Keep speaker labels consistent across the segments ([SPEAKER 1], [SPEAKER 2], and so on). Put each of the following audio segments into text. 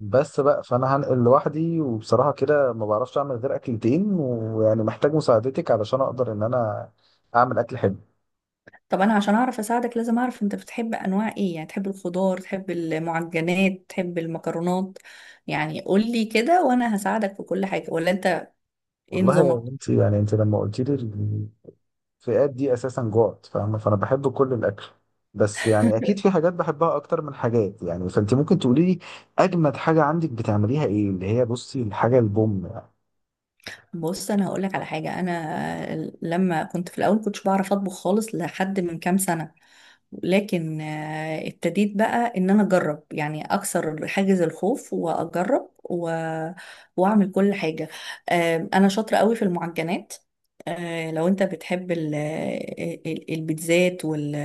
[SPEAKER 1] بس بقى فانا هنقل لوحدي، وبصراحه كده ما بعرفش اعمل غير اكلتين، ويعني محتاج مساعدتك علشان اقدر ان انا اعمل اكل حلو.
[SPEAKER 2] طب انا عشان اعرف اساعدك لازم اعرف انت بتحب انواع ايه؟ يعني تحب الخضار، تحب المعجنات، تحب المكرونات؟ يعني قولي كده وانا هساعدك في كل حاجة. ولا انت ايه
[SPEAKER 1] والله يا
[SPEAKER 2] نظامك؟
[SPEAKER 1] بنتي، يعني انت لما قلت لي الفئات دي اساسا جوعت، فاهمه؟ فانا بحب كل الاكل، بس يعني اكيد في حاجات بحبها اكتر من حاجات، يعني فانت ممكن تقولي لي اجمد حاجه عندك بتعمليها ايه؟ اللي هي بصي الحاجه البوم يعني.
[SPEAKER 2] بص، انا هقولك على حاجة. انا لما كنت في الاول كنتش بعرف اطبخ خالص لحد من كام سنة، لكن ابتديت بقى ان انا اجرب، يعني اكسر حاجز الخوف واجرب واعمل كل حاجه. انا شاطره قوي في المعجنات. لو انت بتحب البيتزات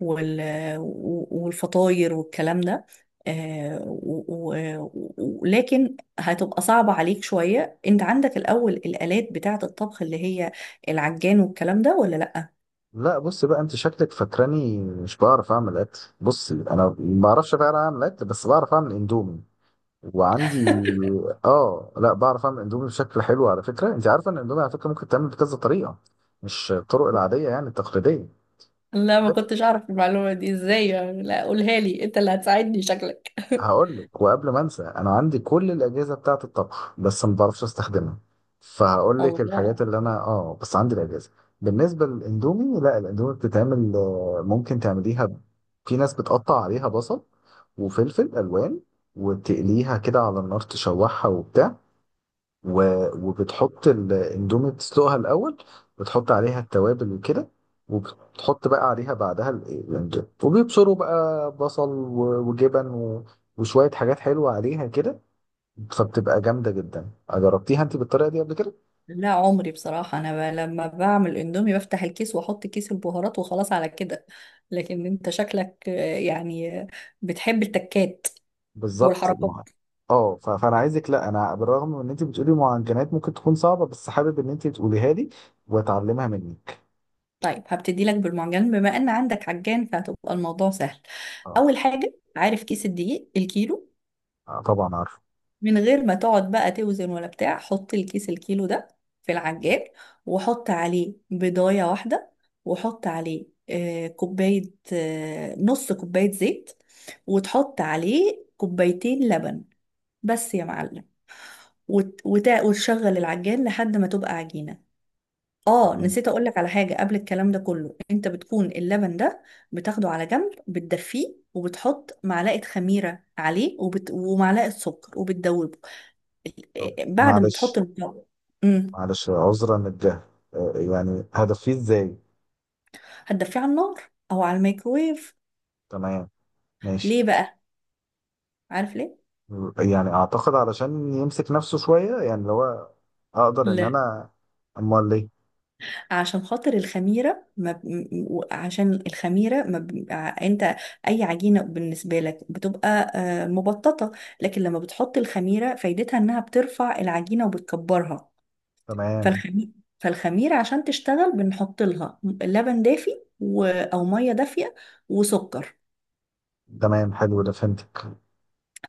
[SPEAKER 2] وال... والفطاير والكلام ده، آه، و... و... لكن هتبقى صعبة عليك شوية. انت عندك الأول الآلات بتاعة الطبخ اللي هي العجان والكلام ده ولا لأ؟
[SPEAKER 1] لا، بصي بقى، انت شكلك فاكراني مش بعرف اعمل اكل. بصي، انا ما بعرفش فعلا اعمل اكل، بس بعرف اعمل اندومي. وعندي اه لا، بعرف اعمل اندومي بشكل حلو على فكره. انت عارفه ان الاندومي على فكره ممكن تعمل بكذا طريقه، مش الطرق العاديه يعني التقليديه.
[SPEAKER 2] لا ما
[SPEAKER 1] وغير-
[SPEAKER 2] كنتش اعرف المعلومة دي. ازاي يعني؟ لا قولها لي، انت اللي هتساعدني شكلك.
[SPEAKER 1] هقول لك، وقبل ما انسى، انا عندي كل الاجهزه بتاعه الطبخ، بس ما بعرفش استخدمها. فهقول لك الحاجات
[SPEAKER 2] الله.
[SPEAKER 1] اللي انا، بس عندي الاجهزه. بالنسبه للاندومي، لا، الاندومي بتتعمل، ممكن تعمليها في ناس بتقطع عليها بصل وفلفل الوان، وتقليها كده على النار، تشوحها وبتاع، و... وبتحط الاندومي، تسلقها الاول، بتحط عليها التوابل وكده، وبتحط بقى عليها بعدها الاندومي، وبيبشروا بقى بصل وجبن وشوية حاجات حلوة عليها كده. فبتبقى جامدة جدا. جربتيها انت بالطريقة دي قبل كده؟
[SPEAKER 2] لا عمري، بصراحة أنا لما بعمل اندومي بفتح الكيس وأحط كيس البهارات وخلاص على كده. لكن أنت شكلك يعني بتحب التكات
[SPEAKER 1] بالظبط.
[SPEAKER 2] والحركات.
[SPEAKER 1] فانا عايزك، لا، انا بالرغم من ان انت بتقولي معجنات ممكن تكون صعبة، بس حابب ان انت تقوليها لي واتعلمها منك.
[SPEAKER 2] طيب هبتدي لك بالمعجن، بما أن عندك عجان فهتبقى الموضوع سهل.
[SPEAKER 1] اه،
[SPEAKER 2] أول حاجة، عارف كيس الدقيق الكيلو؟
[SPEAKER 1] طبعا عارفه.
[SPEAKER 2] من غير ما تقعد بقى توزن ولا بتاع، حط الكيس الكيلو ده في العجال، وحط عليه بيضاية واحدة، وحط عليه كوباية، نص كوباية زيت، وتحط عليه كوبايتين لبن، بس يا معلم. وتشغل العجال لحد ما تبقى عجينة. اه
[SPEAKER 1] تمام.
[SPEAKER 2] نسيت اقولك على حاجة قبل الكلام ده كله، انت بتكون اللبن ده بتاخده على جنب، بتدفيه، وبتحط معلقة خميرة عليه، ومعلقة سكر، وبتدوبه
[SPEAKER 1] طب
[SPEAKER 2] بعد ما تحط
[SPEAKER 1] معلش،
[SPEAKER 2] المكون. امم
[SPEAKER 1] عذرا للجهل. يعني هدفيه ازاي؟
[SPEAKER 2] هتدفيه على النار او على الميكرويف.
[SPEAKER 1] تمام، ماشي.
[SPEAKER 2] ليه بقى؟ عارف ليه؟
[SPEAKER 1] يعني اعتقد علشان يمسك نفسه شويه، يعني اللي هو اقدر ان
[SPEAKER 2] لا.
[SPEAKER 1] انا. امال ليه؟
[SPEAKER 2] عشان خاطر الخميره ما ب... م- م- عشان الخميره ما ب... ع- انت اي عجينه بالنسبه لك بتبقى مبططه، لكن لما بتحط الخميره فايدتها انها بترفع العجينه وبتكبرها.
[SPEAKER 1] تمام.
[SPEAKER 2] فالخميره فالخميره عشان تشتغل بنحط لها لبن دافي او ميه دافيه وسكر.
[SPEAKER 1] تمام، حلو، ده فهمتك.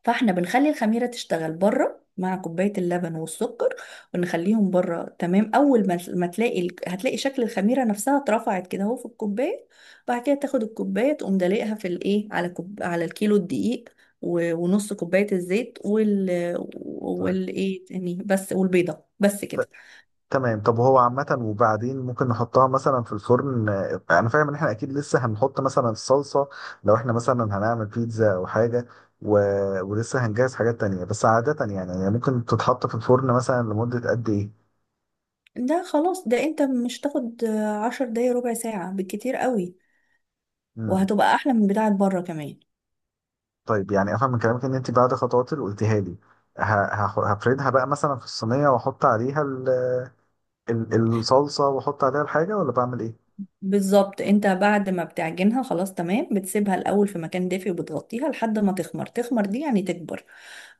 [SPEAKER 2] فاحنا بنخلي الخميرة تشتغل بره مع كوباية اللبن والسكر، ونخليهم بره. تمام، أول ما تلاقي هتلاقي شكل الخميرة نفسها اترفعت كده اهو في الكوباية. بعد كده تاخد الكوباية تقوم دلقها في الايه، على على الكيلو الدقيق ونص كوباية الزيت وال
[SPEAKER 1] طيب،
[SPEAKER 2] والايه تاني بس، والبيضة، بس
[SPEAKER 1] ت-
[SPEAKER 2] كده.
[SPEAKER 1] تمام. طب هو عامة، وبعدين ممكن نحطها مثلا في الفرن. انا فاهم ان احنا اكيد لسه هنحط مثلا الصلصة لو احنا مثلا هنعمل بيتزا او حاجة، و... ولسه هنجهز حاجات تانية. بس عادة يعني ممكن تتحط في الفرن مثلا لمدة قد ايه؟
[SPEAKER 2] ده خلاص، ده انت مش تاخد 10 دقايق، ربع ساعة بالكتير قوي،
[SPEAKER 1] مم.
[SPEAKER 2] وهتبقى أحلى من بتاعة بره كمان.
[SPEAKER 1] طيب، يعني افهم من كلامك ان انت بعد خطوات اللي قلتيها لي ه- هفردها بقى مثلا في الصينيه، واحط عليها ال- الصلصه، واحط عليها الحاجه، ولا بعمل ايه؟
[SPEAKER 2] بالظبط، انت بعد ما بتعجنها خلاص تمام بتسيبها الاول في مكان دافي وبتغطيها لحد ما تخمر. تخمر دي يعني تكبر.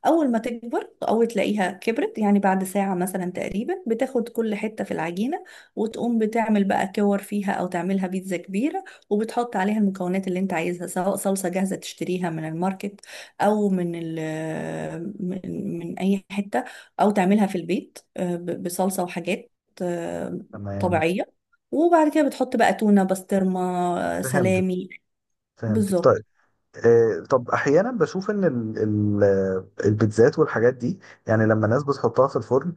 [SPEAKER 2] أول ما تكبر، أول تلاقيها كبرت يعني بعد ساعة مثلا تقريبا، بتاخد كل حتة في العجينة وتقوم بتعمل بقى كور فيها أو تعملها بيتزا كبيرة، وبتحط عليها المكونات اللي أنت عايزها، سواء صلصة جاهزة تشتريها من الماركت أو من ال من من أي حتة، أو تعملها في البيت بصلصة وحاجات آه،
[SPEAKER 1] تمام.
[SPEAKER 2] طبيعية. وبعد كده بتحط بقى تونة، بسطرمة،
[SPEAKER 1] فهمت،
[SPEAKER 2] سلامي.
[SPEAKER 1] فهمت،
[SPEAKER 2] بالظبط.
[SPEAKER 1] طيب. طب احيانا بشوف ان ال- البيتزات والحاجات دي، يعني لما الناس بتحطها في الفرن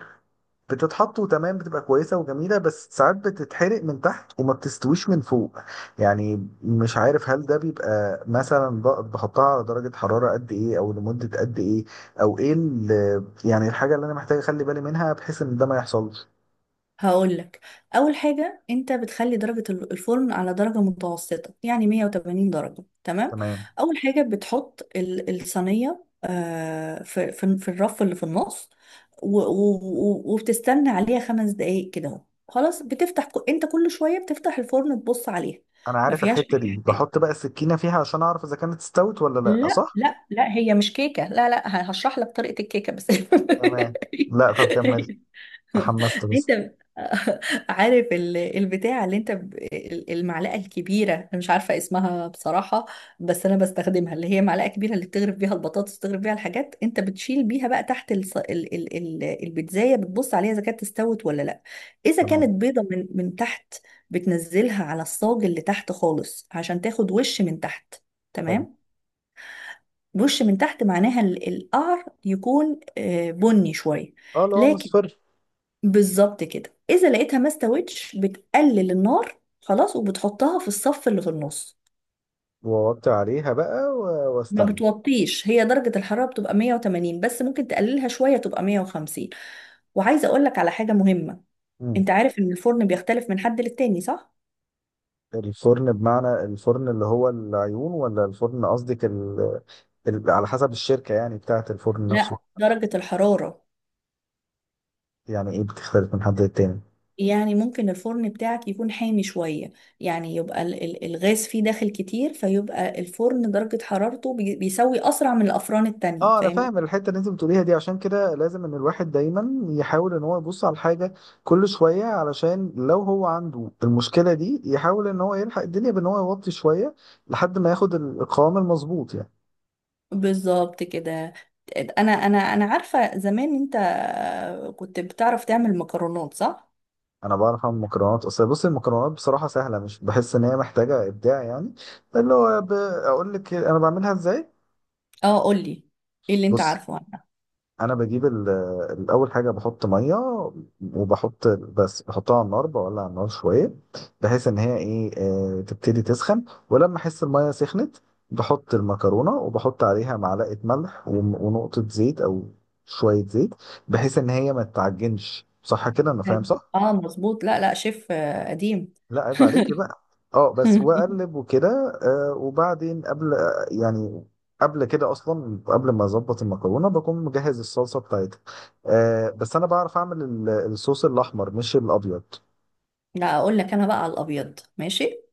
[SPEAKER 1] بتتحط وتمام، بتبقى كويسة وجميلة، بس ساعات بتتحرق من تحت وما بتستويش من فوق يعني. مش عارف هل ده بيبقى مثلا بحطها على درجة حرارة قد ايه، او لمدة قد ايه، او ايه يعني الحاجة اللي انا محتاج اخلي بالي منها بحيث ان ده ما يحصلش.
[SPEAKER 2] هقولك، اول حاجه انت بتخلي درجه الفرن على درجه متوسطه، يعني 180 درجه، تمام.
[SPEAKER 1] تمام.
[SPEAKER 2] اول حاجه بتحط الصينيه في الرف اللي في النص، وبتستنى عليها 5 دقايق كده اهو. خلاص، انت كل شويه بتفتح الفرن تبص عليها،
[SPEAKER 1] انا
[SPEAKER 2] ما
[SPEAKER 1] عارف
[SPEAKER 2] فيهاش
[SPEAKER 1] الحتة
[SPEAKER 2] اي
[SPEAKER 1] دي،
[SPEAKER 2] حاجه.
[SPEAKER 1] بحط بقى السكينة فيها عشان اعرف اذا كانت استوت ولا لا،
[SPEAKER 2] لا
[SPEAKER 1] صح؟
[SPEAKER 2] لا لا، هي مش كيكه، لا لا هشرح لك طريقه الكيكه بس.
[SPEAKER 1] تمام. لا، طب كمل، تحمست بس.
[SPEAKER 2] انت عارف البتاع اللي المعلقه الكبيره، انا مش عارفه اسمها بصراحه، بس انا بستخدمها، اللي هي معلقه كبيره اللي بتغرف بيها البطاطس، بتغرف بيها الحاجات، انت بتشيل بيها بقى تحت الص... ال... ال... ال... البيتزايه، بتبص عليها اذا كانت استوت ولا لا. اذا كانت
[SPEAKER 1] تمام،
[SPEAKER 2] بيضه من تحت، بتنزلها على الصاج اللي تحت خالص عشان تاخد وش من تحت.
[SPEAKER 1] حلو.
[SPEAKER 2] تمام. وش من تحت معناها القعر يكون بني شويه.
[SPEAKER 1] اه، اللي هو
[SPEAKER 2] لكن
[SPEAKER 1] مصفر.
[SPEAKER 2] بالظبط كده، اذا لقيتها ما استوتش بتقلل النار خلاص وبتحطها في الصف اللي في النص.
[SPEAKER 1] ووطي عليها بقى
[SPEAKER 2] ما
[SPEAKER 1] واستنى.
[SPEAKER 2] بتوطيش، هي درجة الحرارة بتبقى 180 بس ممكن تقللها شوية تبقى 150. وعايزة اقول لك على حاجة مهمة.
[SPEAKER 1] مم.
[SPEAKER 2] انت عارف ان الفرن بيختلف من حد للتاني صح؟
[SPEAKER 1] الفرن بمعنى الفرن اللي هو العيون، ولا الفرن قصدك على حسب الشركة يعني بتاعة الفرن
[SPEAKER 2] لا
[SPEAKER 1] نفسه؟
[SPEAKER 2] درجة الحرارة.
[SPEAKER 1] يعني ايه بتختلف من حد للتاني؟
[SPEAKER 2] يعني ممكن الفرن بتاعك يكون حامي شوية، يعني يبقى الغاز فيه داخل كتير، فيبقى الفرن درجة حرارته بيسوي أسرع من الأفران التانية،
[SPEAKER 1] اه، انا
[SPEAKER 2] فاهم.
[SPEAKER 1] فاهم الحتة اللي انت بتقوليها دي. عشان كده لازم ان الواحد دايما يحاول ان هو يبص على الحاجة كل شوية، علشان لو هو عنده المشكلة دي يحاول ان هو يلحق الدنيا بان هو يوطي شوية لحد ما ياخد القوام المظبوط يعني.
[SPEAKER 2] بالظبط كده. انا عارفه زمان انت كنت بتعرف تعمل مكرونات صح.
[SPEAKER 1] انا بعرف اعمل مكرونات. اصل بص المكرونات بصراحة سهلة، مش بحس ان هي محتاجة ابداع يعني. اللي هو اقول لك انا بعملها ازاي.
[SPEAKER 2] اه قولي، ايه اللي انت
[SPEAKER 1] بص،
[SPEAKER 2] عارفه عنها.
[SPEAKER 1] انا بجيب الاول حاجه بحط ميه، بس بحطها على النار، بولع النار شويه بحيث ان هي ايه، تبتدي تسخن. ولما احس الميه سخنت، بحط المكرونه، وبحط عليها معلقه ملح ونقطه زيت او شويه زيت، بحيث ان هي ما تتعجنش. صح كده؟ انا فاهم
[SPEAKER 2] حلو.
[SPEAKER 1] صح؟
[SPEAKER 2] اه مظبوط، لا لا شيف قديم.
[SPEAKER 1] لا عيب عليكي بقى. اه بس، واقلب وكده. وبعدين قبل، يعني قبل كده اصلا، قبل ما اظبط المكرونه بكون مجهز الصلصه بتاعتها. بس انا بعرف اعمل الصوص الاحمر مش الابيض.
[SPEAKER 2] لا اقول لك انا بقى على الابيض ماشي.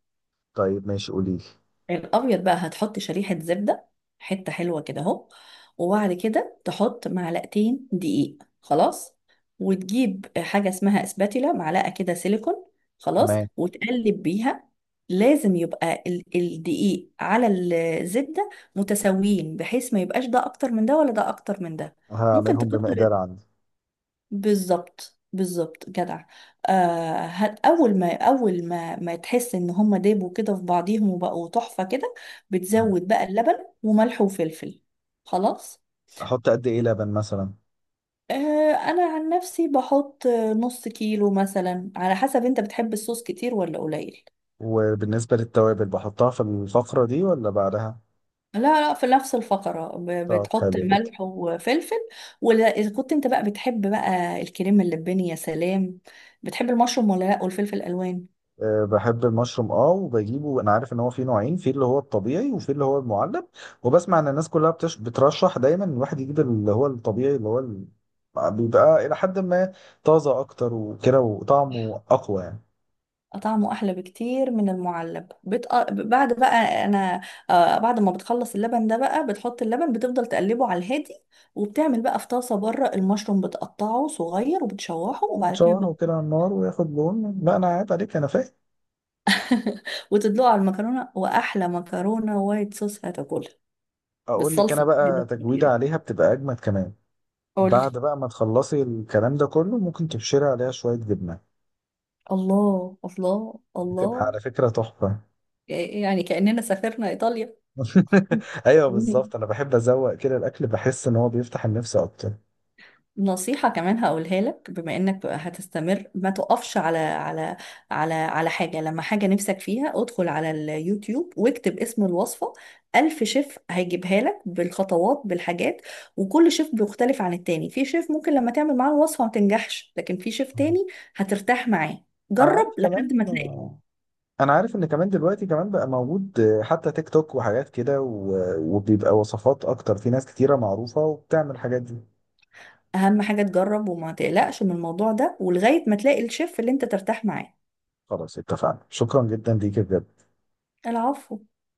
[SPEAKER 1] طيب ماشي، قوليلي.
[SPEAKER 2] الابيض بقى هتحط شريحه زبده، حته حلوه كده اهو. وبعد كده تحط معلقتين دقيق، خلاص. وتجيب حاجه اسمها اسباتيلا، معلقه كده سيليكون، خلاص،
[SPEAKER 1] تمام،
[SPEAKER 2] وتقلب بيها. لازم يبقى الدقيق على الزبده متساويين، بحيث ما يبقاش ده اكتر من ده ولا ده اكتر من ده. ممكن
[SPEAKER 1] هعملهم
[SPEAKER 2] تكتر.
[SPEAKER 1] بمقدار عندي.
[SPEAKER 2] بالظبط بالظبط، جدع. اول ما تحس ان هما دابوا كده في بعضيهم وبقوا تحفة كده،
[SPEAKER 1] مم.
[SPEAKER 2] بتزود بقى اللبن وملح وفلفل، خلاص.
[SPEAKER 1] احط قد ايه لبن مثلا؟
[SPEAKER 2] آه، انا عن نفسي بحط نص كيلو مثلا، على حسب انت بتحب الصوص كتير ولا قليل.
[SPEAKER 1] وبالنسبه للتوابل بحطها في الفقره دي ولا بعدها؟
[SPEAKER 2] لا لا في نفس الفقرة،
[SPEAKER 1] طب
[SPEAKER 2] بتحط
[SPEAKER 1] حلو.
[SPEAKER 2] ملح وفلفل، ولا إذا كنت انت بقى بتحب بقى الكريم اللباني يا سلام. بتحب المشروم ولا لا؟ والفلفل الألوان.
[SPEAKER 1] أه، بحب المشروم، وبجيبه. انا عارف ان هو فيه نوعين، في اللي هو الطبيعي وفي اللي هو المعلب. وبسمع ان الناس كلها بترشح دايما إن الواحد يجيب اللي هو الطبيعي، اللي هو بيبقى الى حد ما طازه اكتر وكده، وطعمه اقوى يعني.
[SPEAKER 2] طعمه احلى بكتير من المعلب. بعد بقى انا آه، بعد ما بتخلص اللبن ده بقى، بتحط اللبن بتفضل تقلبه على الهادي، وبتعمل بقى في طاسه بره المشروم، بتقطعه صغير وبتشوحه، وبعد كده
[SPEAKER 1] بتشوحه كده على النار وياخد لون. لا، انا عيب عليك، انا فاهم.
[SPEAKER 2] وتدلقه على المكرونه، واحلى مكرونه وايت صوص هتاكلها.
[SPEAKER 1] اقول لك انا
[SPEAKER 2] بالصلصه
[SPEAKER 1] بقى،
[SPEAKER 2] كده
[SPEAKER 1] تجويده
[SPEAKER 2] كتير.
[SPEAKER 1] عليها بتبقى اجمد كمان.
[SPEAKER 2] قولي.
[SPEAKER 1] بعد بقى ما تخلصي الكلام ده كله، ممكن تبشري عليها شويه جبنه،
[SPEAKER 2] الله الله
[SPEAKER 1] بتبقى
[SPEAKER 2] الله،
[SPEAKER 1] على فكره تحفه.
[SPEAKER 2] يعني كأننا سافرنا ايطاليا.
[SPEAKER 1] ايوه بالظبط، انا بحب ازوق كده الاكل، بحس ان هو بيفتح النفس اكتر.
[SPEAKER 2] نصيحة كمان هقولها لك، بما انك بقى هتستمر ما تقفش على حاجة. لما حاجة نفسك فيها ادخل على اليوتيوب واكتب اسم الوصفة، ألف شيف هيجيبها لك بالخطوات بالحاجات. وكل شيف بيختلف عن التاني، في شيف ممكن لما تعمل معاه الوصفة ما تنجحش، لكن في شيف تاني هترتاح معاه.
[SPEAKER 1] انا
[SPEAKER 2] جرب
[SPEAKER 1] عارف كمان.
[SPEAKER 2] لحد ما تلاقي.
[SPEAKER 1] انا عارف ان كمان دلوقتي كمان بقى موجود حتى تيك توك وحاجات كده، وبيبقى وصفات اكتر، في ناس كتيرة معروفة وبتعمل الحاجات دي.
[SPEAKER 2] أهم حاجة تجرب وما تقلقش من الموضوع ده، ولغاية ما تلاقي الشيف اللي انت ترتاح معاه.
[SPEAKER 1] خلاص اتفقنا، شكرا جدا ليك بجد.
[SPEAKER 2] العفو.